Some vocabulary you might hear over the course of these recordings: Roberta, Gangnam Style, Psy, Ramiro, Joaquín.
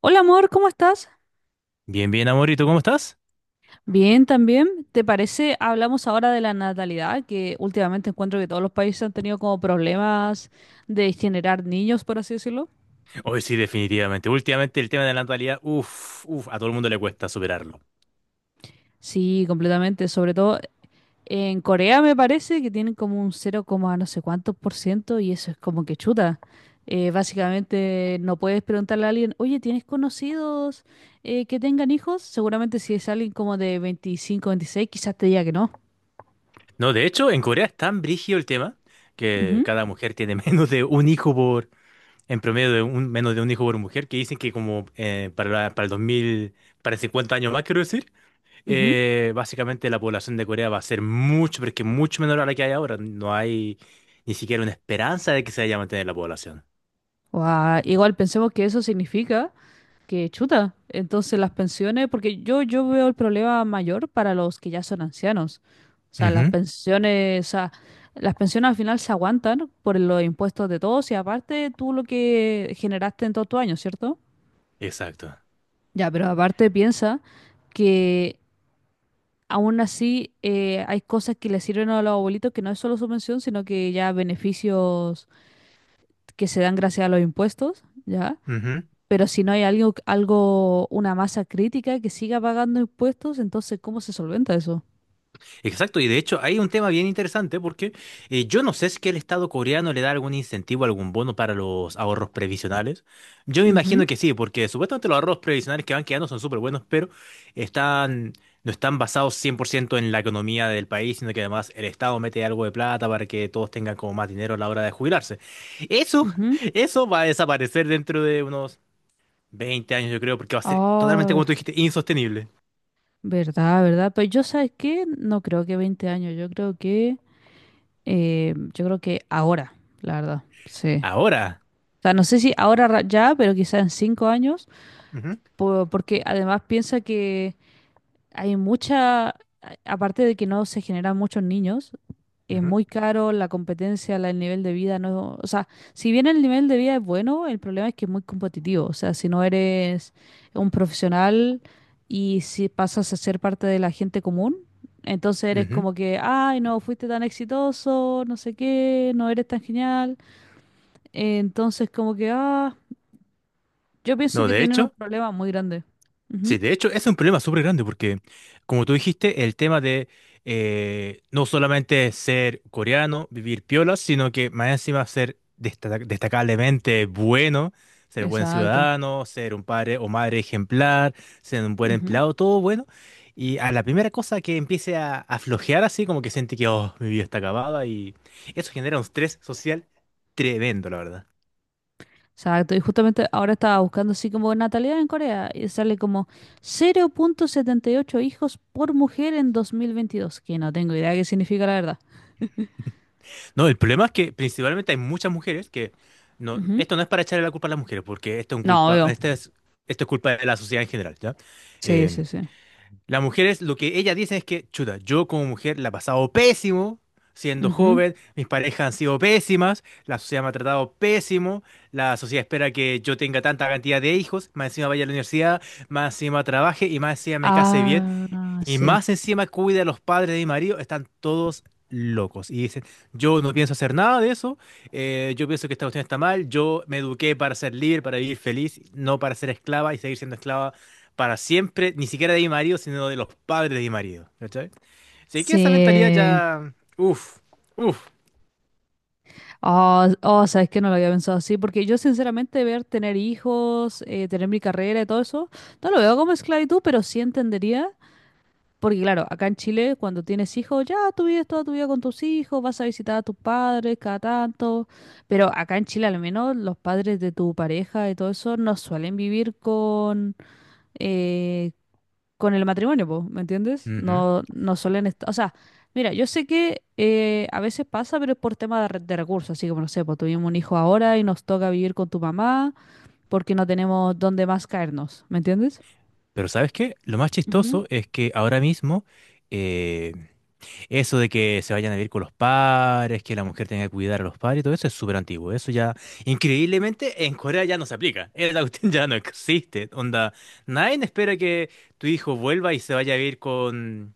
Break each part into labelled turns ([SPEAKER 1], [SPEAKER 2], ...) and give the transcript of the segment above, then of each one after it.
[SPEAKER 1] Hola amor, ¿cómo estás?
[SPEAKER 2] Bien, bien, amorito, ¿cómo estás?
[SPEAKER 1] Bien, también. ¿Te parece? Hablamos ahora de la natalidad, que últimamente encuentro que todos los países han tenido como problemas de generar niños, por así decirlo.
[SPEAKER 2] Hoy sí, definitivamente. Últimamente el tema de la natalidad, uff, uff, a todo el mundo le cuesta superarlo.
[SPEAKER 1] Sí, completamente. Sobre todo en Corea me parece que tienen como un 0, no sé cuántos por ciento y eso es como que chuta. Básicamente no puedes preguntarle a alguien, oye, ¿tienes conocidos que tengan hijos? Seguramente si es alguien como de 25, 26, quizás te diga que no.
[SPEAKER 2] No, de hecho, en Corea es tan brígido el tema que
[SPEAKER 1] Ujú,
[SPEAKER 2] cada mujer tiene menos de un hijo por, en promedio de un, menos de un hijo por mujer, que dicen que como para el 2000, para 50 años más, quiero decir,
[SPEAKER 1] ujú.
[SPEAKER 2] básicamente la población de Corea va a ser mucho, pero es que mucho menor a la que hay ahora. No hay ni siquiera una esperanza de que se vaya a mantener la población.
[SPEAKER 1] Guau, igual pensemos que eso significa que chuta. Entonces las pensiones, porque yo veo el problema mayor para los que ya son ancianos. O sea, las
[SPEAKER 2] Ujú.
[SPEAKER 1] pensiones, o sea, las pensiones al final se aguantan por los impuestos de todos y aparte tú lo que generaste en todos tus años, ¿cierto?
[SPEAKER 2] Exacto.
[SPEAKER 1] Ya, pero aparte piensa que aún así hay cosas que le sirven a los abuelitos que no es solo su pensión, sino que ya beneficios que se dan gracias a los impuestos, ¿ya? Pero si no hay algo, una masa crítica que siga pagando impuestos, entonces ¿cómo se solventa eso?
[SPEAKER 2] Exacto, y de hecho hay un tema bien interesante porque yo no sé si que el Estado coreano le da algún incentivo, algún bono para los ahorros previsionales. Yo me
[SPEAKER 1] Ujú,
[SPEAKER 2] imagino que sí, porque supuestamente los ahorros previsionales que van quedando son súper buenos, pero están, no están basados 100% en la economía del país, sino que además el Estado mete algo de plata para que todos tengan como más dinero a la hora de jubilarse. Eso,
[SPEAKER 1] ujú.
[SPEAKER 2] eso va a desaparecer dentro de unos 20 años, yo creo, porque va a ser totalmente,
[SPEAKER 1] Ah,
[SPEAKER 2] como tú dijiste, insostenible.
[SPEAKER 1] verdad, verdad. Pues yo, ¿sabes qué? No creo que 20 años, yo creo que ahora, la verdad, sí.
[SPEAKER 2] Ahora.
[SPEAKER 1] O sea, no sé si ahora ya, pero quizás en 5 años,
[SPEAKER 2] Ujú,
[SPEAKER 1] porque además piensa que hay mucha, a- aparte de que no se generan muchos niños, es
[SPEAKER 2] ujú,
[SPEAKER 1] muy caro la competencia, el nivel de vida, no, o sea, si bien el nivel de vida es bueno, el problema es que es muy competitivo, o sea, si no eres un profesional y si pasas a ser parte de la gente común, entonces eres
[SPEAKER 2] ujú.
[SPEAKER 1] como que, ay, no fuiste tan exitoso, no sé qué, no eres tan genial, entonces como que, ah, yo pienso
[SPEAKER 2] No,
[SPEAKER 1] que
[SPEAKER 2] de
[SPEAKER 1] tienen un
[SPEAKER 2] hecho.
[SPEAKER 1] problema muy grande. Ujú,
[SPEAKER 2] Sí, de hecho, ese es un problema súper grande porque, como tú dijiste, el tema de no solamente ser coreano, vivir piola, sino que más encima ser destacablemente bueno, ser buen
[SPEAKER 1] exacto.
[SPEAKER 2] ciudadano, ser un padre o madre ejemplar, ser un buen empleado, todo bueno. Y a la primera cosa que empiece a flojear así, como que siente que, oh, mi vida está acabada y eso genera un estrés social tremendo, la verdad.
[SPEAKER 1] Exacto, y justamente ahora estaba buscando así como natalidad en Corea y sale como 0,78 hijos por mujer en 2022, que no tengo idea qué significa la verdad.
[SPEAKER 2] No, el problema es que principalmente hay muchas mujeres que no,
[SPEAKER 1] Ujú.
[SPEAKER 2] esto no es para echarle la culpa a las mujeres, porque esto es un
[SPEAKER 1] No,
[SPEAKER 2] culpa,
[SPEAKER 1] obvio.
[SPEAKER 2] esta es, esto es culpa de la sociedad en general, ¿ya?
[SPEAKER 1] Sí,
[SPEAKER 2] Eh,
[SPEAKER 1] sí, sí.
[SPEAKER 2] las mujeres, lo que ellas dicen es que, chuta, yo como mujer la he pasado pésimo siendo
[SPEAKER 1] Ujú.
[SPEAKER 2] joven, mis parejas han sido pésimas, la sociedad me ha tratado pésimo, la sociedad espera que yo tenga tanta cantidad de hijos, más encima vaya a la universidad, más encima trabaje y más encima me case bien,
[SPEAKER 1] Ah,
[SPEAKER 2] y
[SPEAKER 1] sí.
[SPEAKER 2] más encima cuida a los padres de mi marido, están todos locos. Y dicen, yo no pienso hacer nada de eso, yo pienso que esta cuestión está mal, yo me eduqué para ser libre, para vivir feliz, no para ser esclava y seguir siendo esclava para siempre, ni siquiera de mi marido, sino de los padres de mi marido. ¿Cachai? Así que esa mentalidad
[SPEAKER 1] Sí.
[SPEAKER 2] ya... Uf, uf.
[SPEAKER 1] Oh, oh, sabes que no lo había pensado así, porque yo sinceramente ver tener hijos, tener mi carrera y todo eso, no lo veo como esclavitud, pero sí entendería. Porque claro, acá en Chile, cuando tienes hijos, ya tú vives toda tu vida con tus hijos, vas a visitar a tus padres cada tanto, pero acá en Chile al menos los padres de tu pareja y todo eso no suelen vivir eh, con el matrimonio, po, ¿me entiendes?
[SPEAKER 2] Ujú.
[SPEAKER 1] No, no suelen estar, o sea, mira, yo sé que a veces pasa, pero es por tema de recursos, así como no sé, pues tuvimos un hijo ahora y nos toca vivir con tu mamá porque no tenemos dónde más caernos, ¿me entiendes?
[SPEAKER 2] Pero ¿sabes qué? Lo más
[SPEAKER 1] Ujú,
[SPEAKER 2] chistoso es que ahora mismo... eh, Eso de que se vayan a vivir con los padres, que la mujer tenga que cuidar a los padres, todo eso es súper antiguo. Eso ya, increíblemente, en Corea ya no se aplica. La cuestión ya no existe. Onda, nadie espera que tu hijo vuelva y se vaya a vivir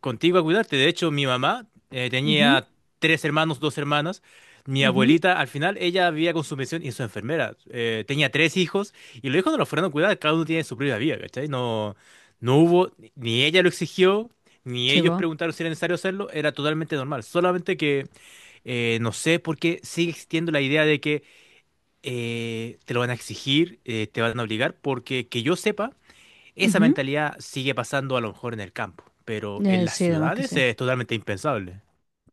[SPEAKER 2] contigo a cuidarte. De hecho, mi mamá
[SPEAKER 1] ujú,
[SPEAKER 2] tenía tres hermanos, dos hermanas. Mi
[SPEAKER 1] ujú.
[SPEAKER 2] abuelita, al final, ella vivía con su pensión y su enfermera. Tenía tres hijos y los hijos no los fueron a cuidar, cada uno tiene su propia vida, ¿cachai? No, no hubo, ni ella lo exigió, ni
[SPEAKER 1] Sí,
[SPEAKER 2] ellos
[SPEAKER 1] po.
[SPEAKER 2] preguntaron si era necesario hacerlo, era totalmente normal. Solamente que no sé por qué sigue existiendo la idea de que te lo van a exigir, te van a obligar, porque que yo sepa, esa
[SPEAKER 1] Ujú.
[SPEAKER 2] mentalidad sigue pasando a lo mejor en el campo, pero en las
[SPEAKER 1] Sí, además que
[SPEAKER 2] ciudades
[SPEAKER 1] sí.
[SPEAKER 2] es totalmente impensable.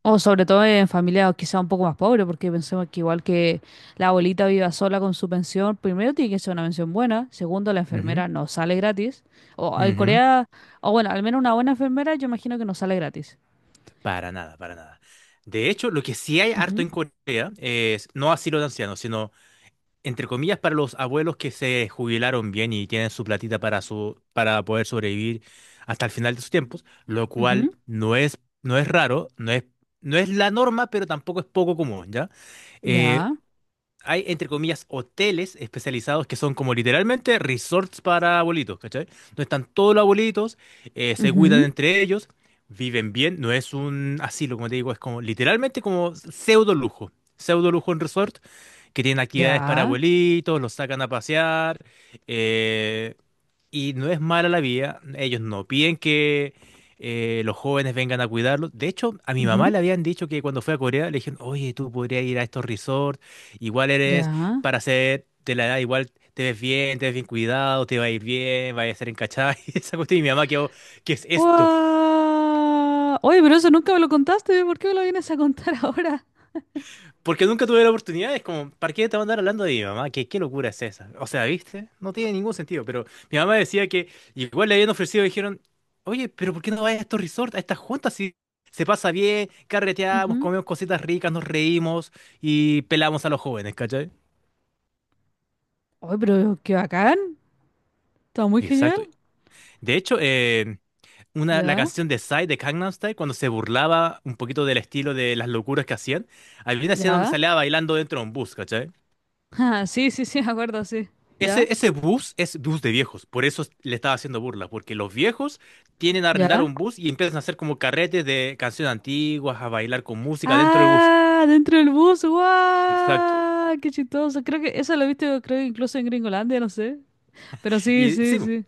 [SPEAKER 1] O sobre todo en familia quizá un poco más pobre, porque pensemos que igual que la abuelita viva sola con su pensión, primero tiene que ser una pensión buena, segundo la
[SPEAKER 2] Ujú,
[SPEAKER 1] enfermera no sale gratis. O en
[SPEAKER 2] ujú.
[SPEAKER 1] Corea, o bueno, al menos una buena enfermera yo imagino que no sale gratis.
[SPEAKER 2] Para nada, para nada. De hecho, lo que sí hay harto
[SPEAKER 1] Ujú,
[SPEAKER 2] en Corea es no asilo de ancianos, sino entre comillas para los abuelos que se jubilaron bien y tienen su platita para su para poder sobrevivir hasta el final de sus tiempos, lo cual
[SPEAKER 1] ujú,
[SPEAKER 2] no es raro, no es la norma, pero tampoco es poco común, ¿ya? Eh,
[SPEAKER 1] ya,
[SPEAKER 2] hay, entre comillas, hoteles especializados que son como literalmente resorts para abuelitos, ¿cachai? Donde están todos los abuelitos, se cuidan
[SPEAKER 1] ujú,
[SPEAKER 2] entre ellos, viven bien, no es un asilo, como te digo, es como literalmente como pseudo lujo en resort, que tienen actividades para
[SPEAKER 1] ya,
[SPEAKER 2] abuelitos, los sacan a pasear, eh, y no es mala la vida, ellos no piden que... los jóvenes vengan a cuidarlos. De hecho, a mi mamá
[SPEAKER 1] ujú,
[SPEAKER 2] le habían dicho que cuando fue a Corea le dijeron, oye, tú podrías ir a estos resorts. Igual eres
[SPEAKER 1] ya.
[SPEAKER 2] para ser de la edad, igual te ves bien cuidado, te va a ir bien, vas a ser encachada y esa cuestión. Y mi mamá quedó, ¿qué es esto?
[SPEAKER 1] ¡Guau! Oye, pero eso nunca me lo contaste, ¿por qué me lo vienes a contar ahora?
[SPEAKER 2] Porque nunca tuve la oportunidad, es como, ¿para qué te van a andar hablando de mi mamá? ¿Qué, qué locura es esa? O sea, ¿viste? No tiene ningún sentido, pero mi mamá decía que igual le habían ofrecido, dijeron, oye, pero ¿por qué no vas a estos resorts, a estas juntas si se pasa bien, carreteamos,
[SPEAKER 1] Ujú.
[SPEAKER 2] comemos cositas ricas, nos reímos y pelamos a los jóvenes, ¿cachai?
[SPEAKER 1] Oye, pero qué bacán, está muy genial.
[SPEAKER 2] Exacto. De hecho, una, la
[SPEAKER 1] Ya,
[SPEAKER 2] canción de Psy de Gangnam Style, cuando se burlaba un poquito del estilo de las locuras que hacían, había una escena donde
[SPEAKER 1] ya.
[SPEAKER 2] salía bailando dentro de un bus, ¿cachai?
[SPEAKER 1] Ah, sí, sí, sí, me acuerdo, sí. ¿Ya?
[SPEAKER 2] Ese bus es bus de viejos, por eso le estaba haciendo burla, porque los viejos tienen a arrendar
[SPEAKER 1] ¿Ya?
[SPEAKER 2] un bus y empiezan a hacer como carretes de canciones antiguas, a bailar con música dentro del bus.
[SPEAKER 1] ¡Ah! ¡Dentro del bus!
[SPEAKER 2] Exacto.
[SPEAKER 1] ¡Guau! ¡Qué chistoso! Creo que eso lo he visto, creo, incluso en Gringolandia, no sé. Pero sí,
[SPEAKER 2] Y
[SPEAKER 1] sí,
[SPEAKER 2] sí,
[SPEAKER 1] sí.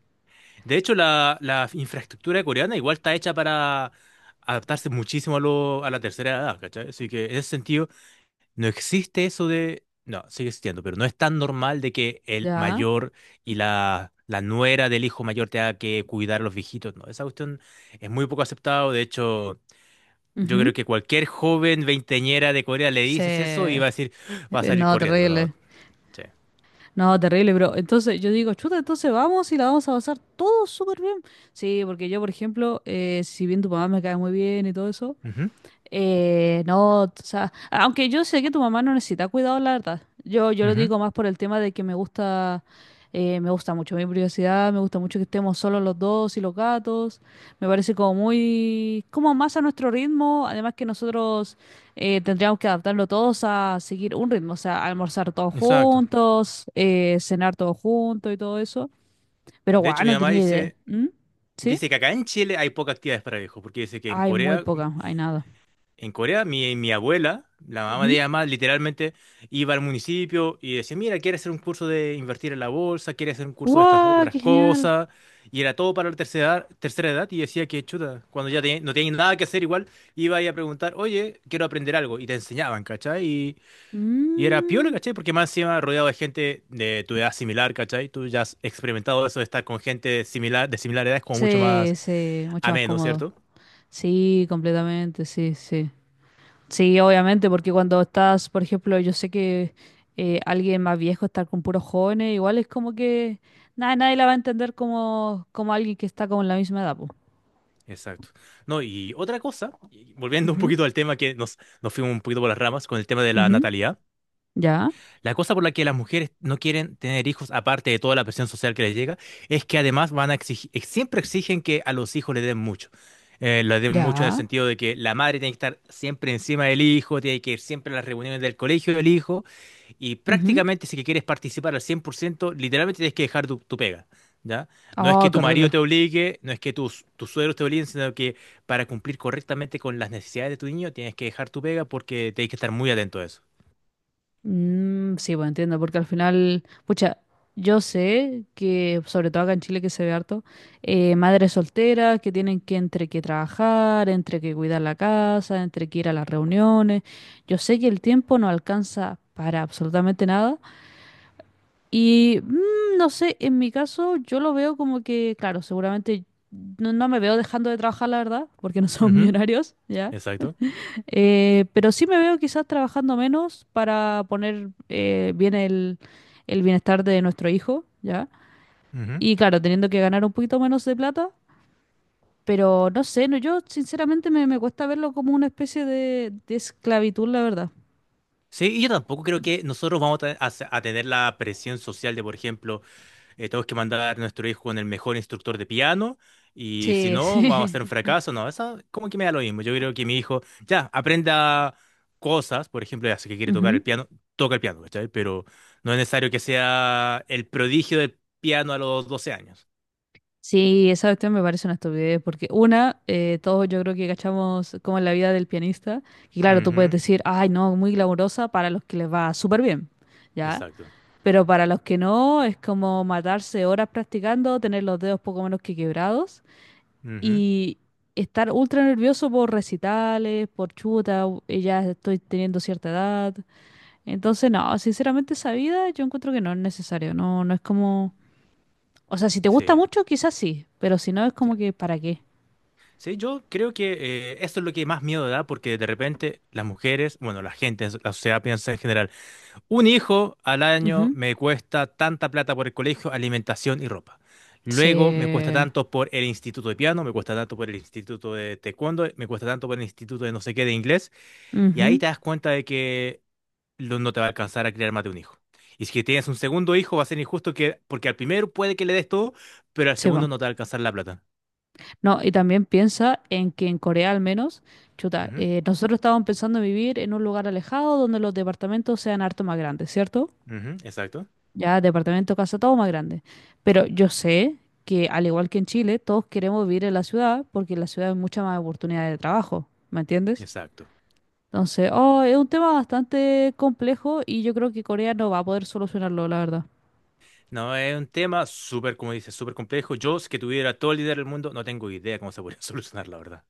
[SPEAKER 2] de hecho la infraestructura coreana igual está hecha para adaptarse muchísimo a la tercera edad, ¿cachai? Así que en ese sentido... No existe eso de... No, sigue existiendo, pero no es tan normal de que el
[SPEAKER 1] ¿Ya?
[SPEAKER 2] mayor y la nuera del hijo mayor tenga que cuidar a los viejitos. No, esa cuestión es muy poco aceptado. De hecho, yo creo
[SPEAKER 1] Ujú.
[SPEAKER 2] que cualquier joven veinteñera de Corea le
[SPEAKER 1] Sí.
[SPEAKER 2] dices eso y va a decir, "Ah, va a salir
[SPEAKER 1] No,
[SPEAKER 2] corriendo, ¿no?
[SPEAKER 1] terrible.
[SPEAKER 2] Sí.
[SPEAKER 1] No, terrible, bro. Entonces yo digo, chuta, entonces vamos y la vamos a pasar todo súper bien. Sí, porque yo, por ejemplo, si bien tu mamá me cae muy bien y todo eso,
[SPEAKER 2] Ujú,
[SPEAKER 1] No, o sea, aunque yo sé que tu mamá no necesita cuidado, la verdad. Yo lo
[SPEAKER 2] ujú,
[SPEAKER 1] digo más por el tema de que me gusta mucho mi privacidad, me gusta mucho que estemos solos los dos y los gatos. Me parece como muy, como más a nuestro ritmo. Además que nosotros tendríamos que adaptarlo todos a seguir un ritmo, o sea, almorzar todos
[SPEAKER 2] exacto.
[SPEAKER 1] juntos, cenar todos juntos y todo eso. Pero
[SPEAKER 2] De hecho,
[SPEAKER 1] guau,
[SPEAKER 2] mi
[SPEAKER 1] no
[SPEAKER 2] mamá
[SPEAKER 1] tenía idea.
[SPEAKER 2] dice,
[SPEAKER 1] ¿Mm? ¿Sí?
[SPEAKER 2] dice que acá en Chile hay pocas actividades para viejos, porque dice que en
[SPEAKER 1] Hay muy
[SPEAKER 2] Corea
[SPEAKER 1] poca, hay nada.
[SPEAKER 2] en Corea, mi abuela, la mamá de
[SPEAKER 1] Ujú.
[SPEAKER 2] ella más, literalmente iba al municipio y decía, mira, quiere hacer un curso de invertir en la bolsa, quiere hacer un curso de estas
[SPEAKER 1] ¡Guau!
[SPEAKER 2] otras
[SPEAKER 1] ¡Qué genial!
[SPEAKER 2] cosas, y era todo para la tercera, tercera edad, y decía que chuta, cuando no tenía nada que hacer igual, iba ahí a preguntar, oye, quiero aprender algo, y te enseñaban, ¿cachai? Y era piola,
[SPEAKER 1] Mm,
[SPEAKER 2] ¿cachai? Porque más encima rodeado de gente de tu edad similar, ¿cachai? Tú ya has experimentado eso de estar con gente similar, de similar edad, es como mucho
[SPEAKER 1] sí,
[SPEAKER 2] más
[SPEAKER 1] sí, mucho más
[SPEAKER 2] ameno,
[SPEAKER 1] cómodo.
[SPEAKER 2] ¿cierto?
[SPEAKER 1] Sí, completamente, sí, sí. Sí, obviamente, porque cuando estás, por ejemplo, yo sé que alguien más viejo estar con puros jóvenes, igual es como que nada, nadie la va a entender como, como alguien que está como en la misma edad, po.
[SPEAKER 2] Exacto. No, y otra cosa, y volviendo un
[SPEAKER 1] Ujú,
[SPEAKER 2] poquito al tema que nos fuimos un poquito por las ramas con el tema de la
[SPEAKER 1] ujú,
[SPEAKER 2] natalidad,
[SPEAKER 1] ya,
[SPEAKER 2] la cosa por la que las mujeres no quieren tener hijos, aparte de toda la presión social que les llega, es que además van a exigir, siempre exigen que a los hijos les den mucho. Les den mucho en el
[SPEAKER 1] ya,
[SPEAKER 2] sentido de que la madre tiene que estar siempre encima del hijo, tiene que ir siempre a las reuniones del colegio del hijo, y
[SPEAKER 1] ujú.
[SPEAKER 2] prácticamente si que quieres participar al 100%, literalmente tienes que dejar tu pega. ¿Ya? No es
[SPEAKER 1] Ah,
[SPEAKER 2] que
[SPEAKER 1] qué
[SPEAKER 2] tu marido
[SPEAKER 1] horrible.
[SPEAKER 2] te obligue, no es que tus suegros te obliguen, sino que para cumplir correctamente con las necesidades de tu niño tienes que dejar tu pega porque tienes que estar muy atento a eso.
[SPEAKER 1] Mm, sí, pues entiendo, porque al final, pucha, yo sé que, sobre todo acá en Chile que se ve harto, madres solteras que tienen que entre que trabajar, entre que cuidar la casa, entre que ir a las reuniones. Yo sé que el tiempo no alcanza para absolutamente nada. Y no sé, en mi caso yo lo veo como que, claro, seguramente no, no me veo dejando de trabajar, la verdad, porque no somos
[SPEAKER 2] Ujú,
[SPEAKER 1] millonarios, ¿ya?
[SPEAKER 2] exacto.
[SPEAKER 1] Pero sí me veo quizás trabajando menos para poner bien el bienestar de nuestro hijo, ¿ya?
[SPEAKER 2] Ujú.
[SPEAKER 1] Y claro, teniendo que ganar un poquito menos de plata, pero no sé, no, yo sinceramente me cuesta verlo como una especie de esclavitud, la verdad.
[SPEAKER 2] Sí, y yo tampoco creo que nosotros vamos a, te- a se- a tener la presión social de, por ejemplo, tenemos que mandar a nuestro hijo con el mejor instructor de piano y si
[SPEAKER 1] Sí,
[SPEAKER 2] no, vamos a
[SPEAKER 1] sí.
[SPEAKER 2] ser un fracaso. No, eso como que me da lo mismo. Yo creo que mi hijo ya aprenda cosas, por ejemplo, ya sé que quiere tocar el
[SPEAKER 1] Ujú.
[SPEAKER 2] piano, toca el piano, ¿cachai? Pero no es necesario que sea el prodigio del piano a los 12 años.
[SPEAKER 1] Sí, esa cuestión me parece una estupidez, porque todos yo creo que cachamos como en la vida del pianista, y claro, tú puedes
[SPEAKER 2] Ujú.
[SPEAKER 1] decir, ay, no, muy glamurosa para los que les va súper bien, ¿ya?
[SPEAKER 2] Exacto.
[SPEAKER 1] Pero para los que no, es como matarse horas practicando, tener los dedos poco menos que quebrados
[SPEAKER 2] Ujú.
[SPEAKER 1] y estar ultra nervioso por recitales, por chuta, y ya estoy teniendo cierta edad. Entonces, no, sinceramente esa vida yo encuentro que no es necesario, no, no es como... O sea, si te gusta
[SPEAKER 2] Sí.
[SPEAKER 1] mucho, quizás sí, pero si no, es como que ¿para qué?
[SPEAKER 2] Sí, yo creo que esto es lo que más miedo da, porque de repente las mujeres, bueno, la gente, la sociedad piensa en general, un hijo al año
[SPEAKER 1] Ujú.
[SPEAKER 2] me cuesta tanta plata por el colegio, alimentación y ropa. Luego me cuesta
[SPEAKER 1] Se...
[SPEAKER 2] tanto por el instituto de piano, me cuesta tanto por el instituto de taekwondo, me cuesta tanto por el instituto de no sé qué de inglés, y ahí
[SPEAKER 1] Ujú,
[SPEAKER 2] te das cuenta de que no te va a alcanzar a criar más de un hijo. Y si que tienes un segundo hijo, va a ser injusto que, porque al primero puede que le des todo, pero al
[SPEAKER 1] se
[SPEAKER 2] segundo
[SPEAKER 1] va.
[SPEAKER 2] no te va a alcanzar la plata.
[SPEAKER 1] No, y también piensa en que en Corea al menos, chuta,
[SPEAKER 2] Ujú,
[SPEAKER 1] nosotros estábamos pensando en vivir en un lugar alejado donde los departamentos sean harto más grandes, ¿cierto?
[SPEAKER 2] ujú, exacto.
[SPEAKER 1] Ya, departamento, casa, todo más grande. Pero yo sé que al igual que en Chile, todos queremos vivir en la ciudad porque en la ciudad hay mucha más oportunidad de trabajo, ¿me entiendes?
[SPEAKER 2] Exacto.
[SPEAKER 1] Entonces, oh, es un tema bastante complejo y yo creo que Corea no va a poder solucionarlo, la verdad.
[SPEAKER 2] No, es un tema súper, como dices, súper complejo. Yo, si que tuviera todo el dinero del mundo, no tengo idea cómo se podría solucionar, la verdad.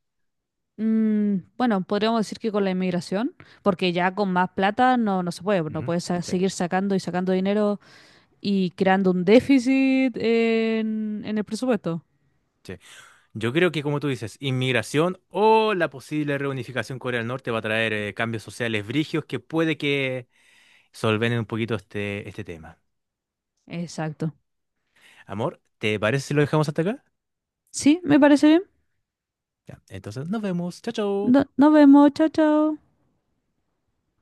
[SPEAKER 1] Mm, bueno, podríamos decir que con la inmigración, porque ya con más plata no, no se puede, no
[SPEAKER 2] Ujú,
[SPEAKER 1] puedes
[SPEAKER 2] sí,
[SPEAKER 1] seguir sacando y sacando dinero y creando un déficit en el presupuesto.
[SPEAKER 2] sí. Yo creo que, como tú dices, inmigración o la posible reunificación Corea del Norte va a traer cambios sociales brigios que puede que solvenen un poquito este tema.
[SPEAKER 1] Exacto.
[SPEAKER 2] Amor, ¿te parece si lo dejamos hasta acá?
[SPEAKER 1] Sí, me parece bien.
[SPEAKER 2] Ya, entonces nos vemos. Chao, chao.
[SPEAKER 1] Nos vemos, chao, chao.